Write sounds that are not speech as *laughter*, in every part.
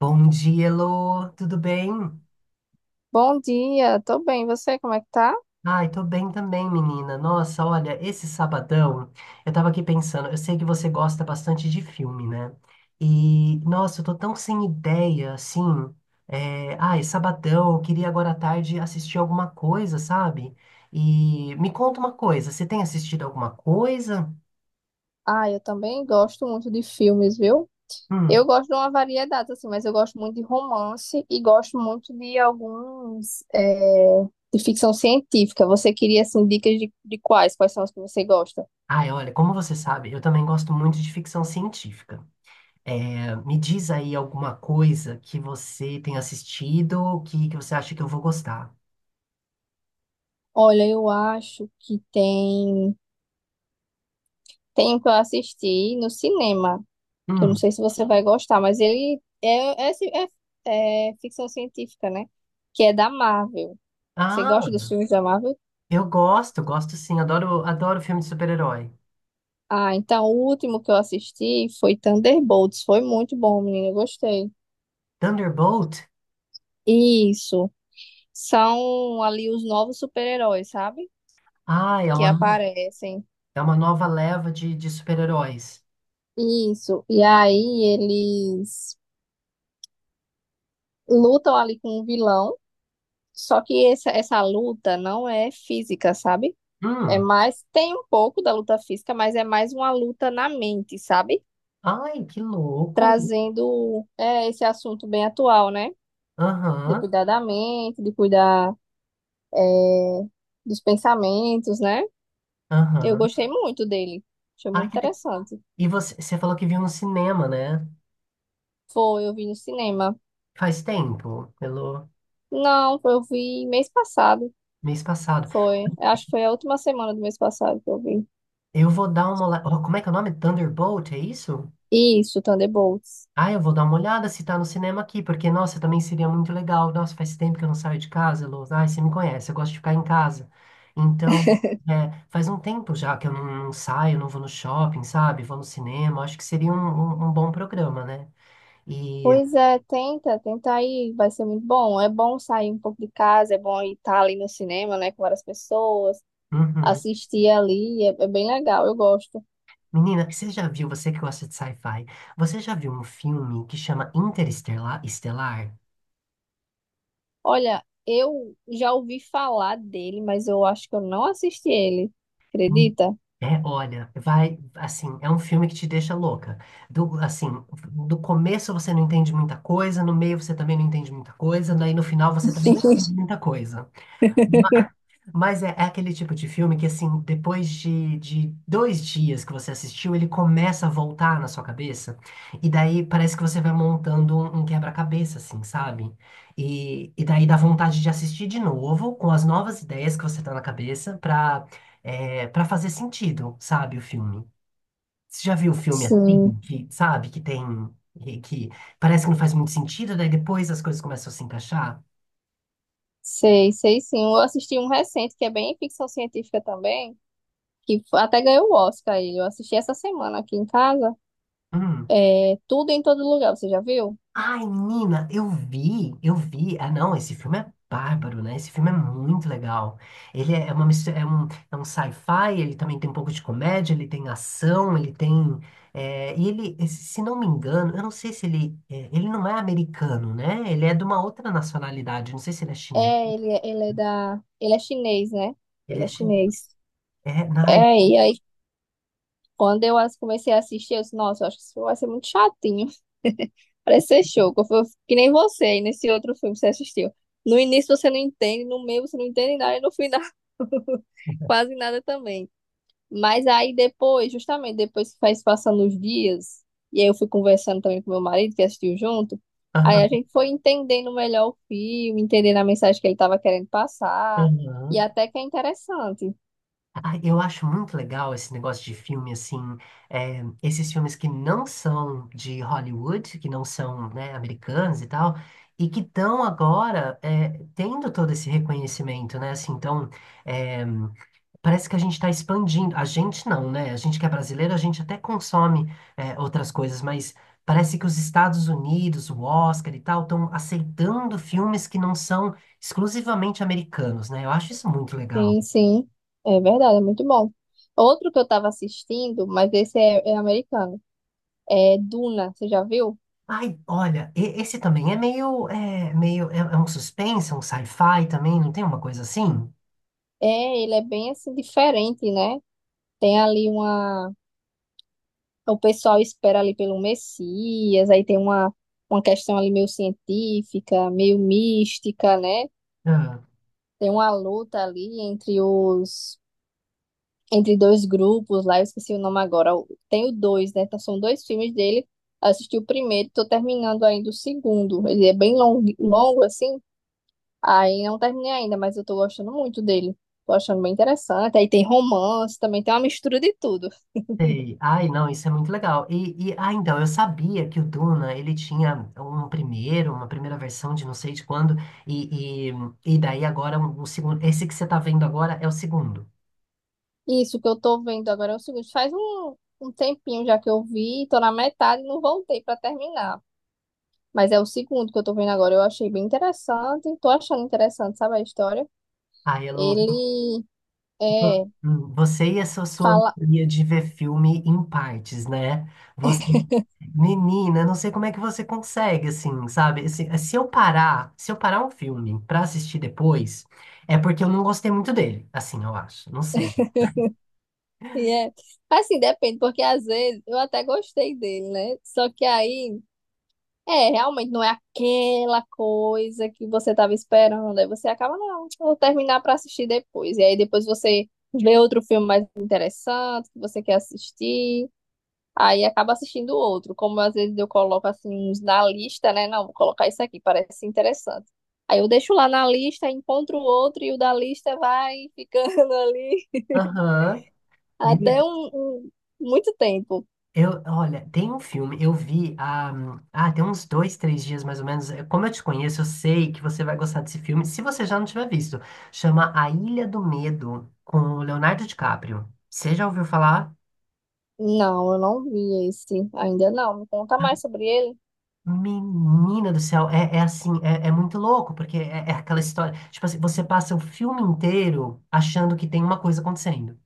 Bom dia, Elô. Tudo bem? Bom dia, tô bem. Você, como é que tá? Ai, tô bem também, menina. Nossa, olha, esse sabadão, eu tava aqui pensando, eu sei que você gosta bastante de filme, né? E, nossa, eu tô tão sem ideia, assim. Ai, sabadão, eu queria agora à tarde assistir alguma coisa, sabe? E me conta uma coisa, você tem assistido alguma coisa? Ah, eu também gosto muito de filmes, viu? Eu Hum. gosto de uma variedade, assim, mas eu gosto muito de romance e gosto muito de alguns, de ficção científica. Você queria, assim, dicas de quais? Quais são os que você gosta? Ai, olha, como você sabe, eu também gosto muito de ficção científica. Me diz aí alguma coisa que você tem assistido que você acha que eu vou gostar. Olha, eu acho que tem um que eu assisti no cinema, que eu não Hum. sei se você vai gostar, mas ele é, ficção científica, né? Que é da Marvel. Você Ah, gosta dos filmes da Marvel? eu gosto, gosto sim. Adoro, adoro filme de super-herói. Ah, então o último que eu assisti foi Thunderbolts. Foi muito bom, menina. Eu gostei. Thunderbolt? Isso. São ali os novos super-heróis, sabe? Ai, é Que uma, aparecem. é uma nova leva de super-heróis. Isso. E aí eles lutam ali com um vilão. Só que essa luta não é física, sabe? É Hum. mais. Tem um pouco da luta física, mas é mais uma luta na mente, sabe? Ai, que louco. Trazendo esse assunto bem atual, né? De Aham, cuidar da mente, de cuidar é, dos pensamentos, né? Eu aham. gostei muito dele. Achei Ah, muito que le- interessante. E você falou que viu no cinema, né? Foi, eu vi no cinema. Faz tempo, pelo Não, eu vi mês passado. mês passado. Foi. Acho que foi a última semana do mês passado que eu vi. Eu vou dar uma olhada. Oh, como é que é o nome? Thunderbolt, é isso? Isso, Thunderbolts. Ah, eu vou dar uma olhada se tá no cinema aqui, porque, nossa, também seria muito legal. Nossa, faz tempo que eu não saio de casa, Lô. Ai, você me conhece, eu gosto de ficar em casa. Então, faz um tempo já que eu não saio, não vou no shopping, sabe? Vou no cinema. Acho que seria um bom programa, né? E, Pois é, tenta, tenta aí, vai ser muito bom. É bom sair um pouco de casa, é bom estar ali no cinema, né, com várias pessoas, uhum. assistir ali, é bem legal, eu gosto. Menina, você já viu, você que gosta de sci-fi, você já viu um filme que chama Interestelar? Estelar? Olha, eu já ouvi falar dele, mas eu acho que eu não assisti ele, acredita? É, olha, vai, assim, é um filme que te deixa louca. Assim, do começo você não entende muita coisa, no meio você também não entende muita coisa, daí no final você também não entende *laughs* muita coisa. Mas é aquele tipo de filme que, assim, depois de 2 dias que você assistiu, ele começa a voltar na sua cabeça. E daí parece que você vai montando um quebra-cabeça, assim, sabe? E daí dá vontade de assistir de novo, com as novas ideias que você tá na cabeça, pra fazer sentido, sabe, o filme. Você já viu o filme assim, Sim, que, sabe, que tem. Que parece que não faz muito sentido, daí depois as coisas começam a se encaixar? Sei sim. Eu assisti um recente que é bem ficção científica também, que até ganhou o Oscar ele. Eu assisti essa semana aqui em casa. Hum. É Tudo em Todo Lugar, você já viu? Ai, menina, eu vi, eu vi. Ah, não, esse filme é bárbaro, né? Esse filme é muito legal. Ele é uma mistura, é um sci-fi, ele também tem um pouco de comédia, ele tem ação, ele tem. E ele, se não me engano, eu não sei se ele. Ele não é americano, né? Ele é de uma outra nacionalidade. Não sei se ele é chinês. É, ele, é, ele é da, ele é chinês, né? Ele Ele é é chinês. chinês. É, ai, É, e aí quando eu as- comecei a assistir, eu disse, nossa, eu acho que isso vai ser muito chatinho. *laughs* Parece ser show, que eu que nem você aí nesse outro filme que você assistiu. No início você não entende, no meio você não entende nada e no final *laughs* quase nada também. Mas aí depois, justamente depois que faz passando os dias, e aí eu fui conversando também com meu marido, que assistiu junto, aí aham, a gente foi entendendo melhor o filme, entendendo a mensagem que ele estava querendo passar, e aham. até que é interessante. Ah, eu acho muito legal esse negócio de filme, assim, é, esses filmes que não são de Hollywood, que não são, né, americanos e tal, e que estão agora tendo todo esse reconhecimento, né, assim, então, é, parece que a gente está expandindo, a gente não, né, a gente que é brasileiro, a gente até consome outras coisas, mas parece que os Estados Unidos, o Oscar e tal, estão aceitando filmes que não são exclusivamente americanos, né, eu acho isso muito legal. Sim, sim, é verdade, é muito bom. Outro que eu estava assistindo, mas esse é americano, é Duna, você já viu? Ai, olha, esse também é um suspense, um sci-fi também, não tem uma coisa assim? É, ele é bem assim diferente, né? Tem ali uma. Então, o pessoal espera ali pelo Messias, aí tem uma questão ali meio científica, meio mística, né? Ah, Tem uma luta ali entre os entre dois grupos lá, eu esqueci o nome agora. Tem o dois, né? Então, são dois filmes dele. Eu assisti o primeiro, tô terminando ainda o segundo. Ele é bem longo, longo assim. Aí não terminei ainda, mas eu tô gostando muito dele. Tô achando bem interessante. Aí tem romance, também tem uma mistura de tudo. sei. Ai, não, isso é muito legal. Ah, então, eu sabia que o Duna, ele tinha um primeiro, uma primeira versão de não sei de quando, e, e daí agora um segundo, esse que você tá vendo agora é o segundo. Isso que eu tô vendo agora é o seguinte, faz um tempinho já que eu vi, tô na metade e não voltei pra terminar. Mas é o segundo que eu tô vendo agora, eu achei bem interessante, tô achando interessante, sabe a história? Ai, Elô, Ele Vo- é, Você e essa sua fala, mania de ver filme em partes, né? Você, menina, eu não sei como é que você consegue, assim, sabe? Se eu parar um filme pra assistir depois, é porque eu não gostei muito dele, assim, eu acho. Não sei. e é, assim, depende, porque às vezes eu até gostei dele, né? Só que aí, realmente não é aquela coisa que você tava esperando, aí você acaba, não, eu vou terminar pra assistir depois. E aí depois você vê outro filme mais interessante que você quer assistir. Aí acaba assistindo outro. Como às vezes eu coloco assim uns na lista, né? Não, vou colocar isso aqui, parece interessante. Aí eu deixo lá na lista, encontro outro e o da lista vai ficando *laughs* ali Aham. Menina. até um- muito tempo. Olha, tem um filme, eu vi há, tem uns dois, três dias mais ou menos. Como eu te conheço, eu sei que você vai gostar desse filme, se você já não tiver visto. Chama A Ilha do Medo, com o Leonardo DiCaprio. Você já ouviu falar? Não, eu não vi esse ainda não. Me conta mais sobre ele. Menina do céu, é assim, é muito louco, porque é aquela história. Tipo assim, você passa o filme inteiro achando que tem uma coisa acontecendo.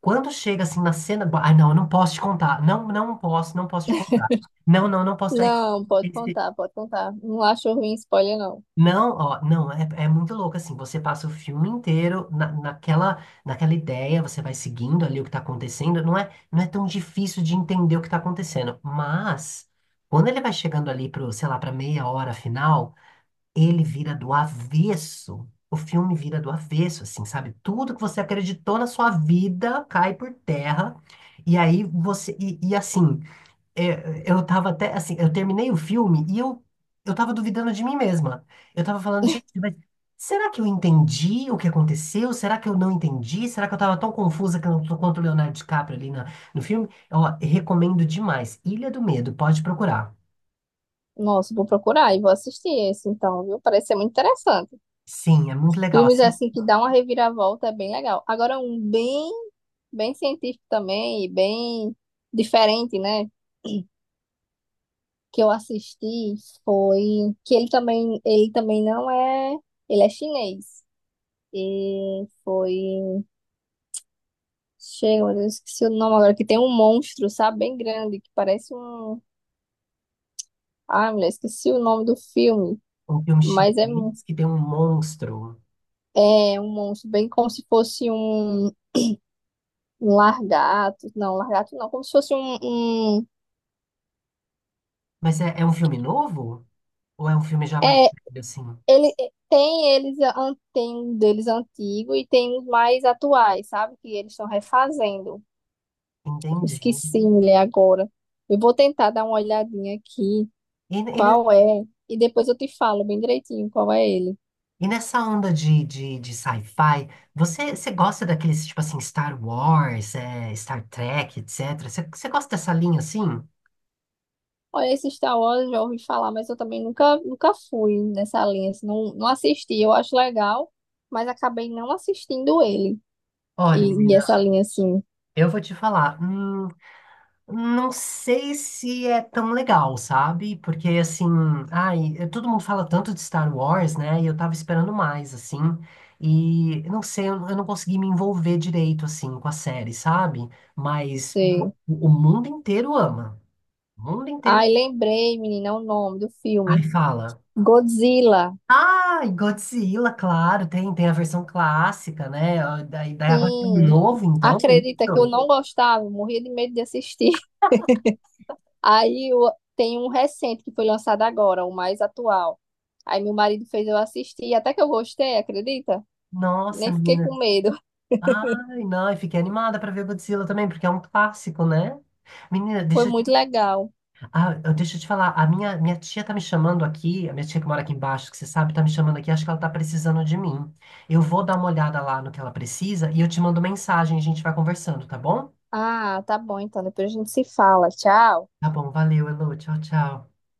Quando chega assim na cena, ai não, eu não posso te contar. Não, não posso te contar. Não, não, não posso dar. Não, pode contar, pode contar. Não acho ruim spoiler, não. Não, ó, não, é muito louco assim. Você passa o filme inteiro naquela ideia, você vai seguindo ali o que tá acontecendo. Não é tão difícil de entender o que tá acontecendo. Mas quando ele vai chegando ali pro, sei lá, pra meia hora final, ele vira do avesso. O filme vira do avesso, assim, sabe? Tudo que você acreditou na sua vida cai por terra. E aí você, e assim. Eu tava até, assim, eu terminei o filme e eu tava duvidando de mim mesma. Eu tava falando, gente, mas será que eu entendi o que aconteceu? Será que eu não entendi? Será que eu tava tão confusa que eu não tô quanto o Leonardo DiCaprio ali na, no filme? Ó, recomendo demais. Ilha do Medo, pode procurar. Nossa, vou procurar e vou assistir esse então, viu? Parece ser muito interessante. Sim, é muito legal. Filmes Assista assim que dá uma reviravolta é bem legal. Agora, um bem bem científico também e bem diferente, né? Que eu assisti foi que ele também não é, ele é chinês. E foi, chega, mas eu esqueci o nome agora, que tem um monstro, sabe, bem grande, que parece um, ah, mulher, esqueci o nome do filme, um filme mas chinês que tem um monstro. é um monstro, bem como se fosse largato não, como se fosse um- Mas é um filme novo? Ou é um filme já mais é velho, assim? Ele tem eles tem um deles antigo e tem os mais atuais, sabe? Que eles estão refazendo. Entendi. Esqueci, mulher, agora. Eu vou tentar dar uma olhadinha aqui, E, e qual é, e depois eu te falo bem direitinho qual é ele. E nessa onda de sci-fi, você gosta daqueles, tipo assim, Star Wars, Star Trek, etc? Você gosta dessa linha assim? Olha, esse Star Wars eu já ouvi falar, mas eu também nunca fui nessa linha, assim, não, não assisti. Eu acho legal, mas acabei não assistindo ele. Olha, E, e menina, essa linha assim. eu vou te falar, não sei se é tão legal, sabe? Porque, assim, ai, todo mundo fala tanto de Star Wars, né? E eu tava esperando mais, assim. E eu não sei, eu, não consegui me envolver direito, assim, com a série, sabe? Mas Sei. O mundo inteiro ama. O mundo inteiro. Ai, lembrei, menina, o nome do Ai, filme. fala. Godzilla. Ah, e Godzilla, claro, tem a versão clássica, né? Ó, Daí agora tem um Sim, novo, então, é acredita que eu isso? não gostava, eu morria de medo de assistir. *laughs* Aí eu, tem um recente que foi lançado agora, o mais atual. Aí meu marido fez eu assistir, até que eu gostei, acredita? Nossa, Nem fiquei com menina. medo. *laughs* Ai, não, eu fiquei animada para ver Godzilla também, porque é um clássico, né? Menina, Foi muito legal. Deixa eu te falar, a minha tia tá me chamando aqui, a minha tia que mora aqui embaixo, que você sabe, tá me chamando aqui, acho que ela tá precisando de mim. Eu vou dar uma olhada lá no que ela precisa e eu te mando mensagem, a gente vai conversando, tá bom? Ah, tá bom, então depois a gente se fala. Tchau. Tá bom, valeu, Elô, tchau, tchau.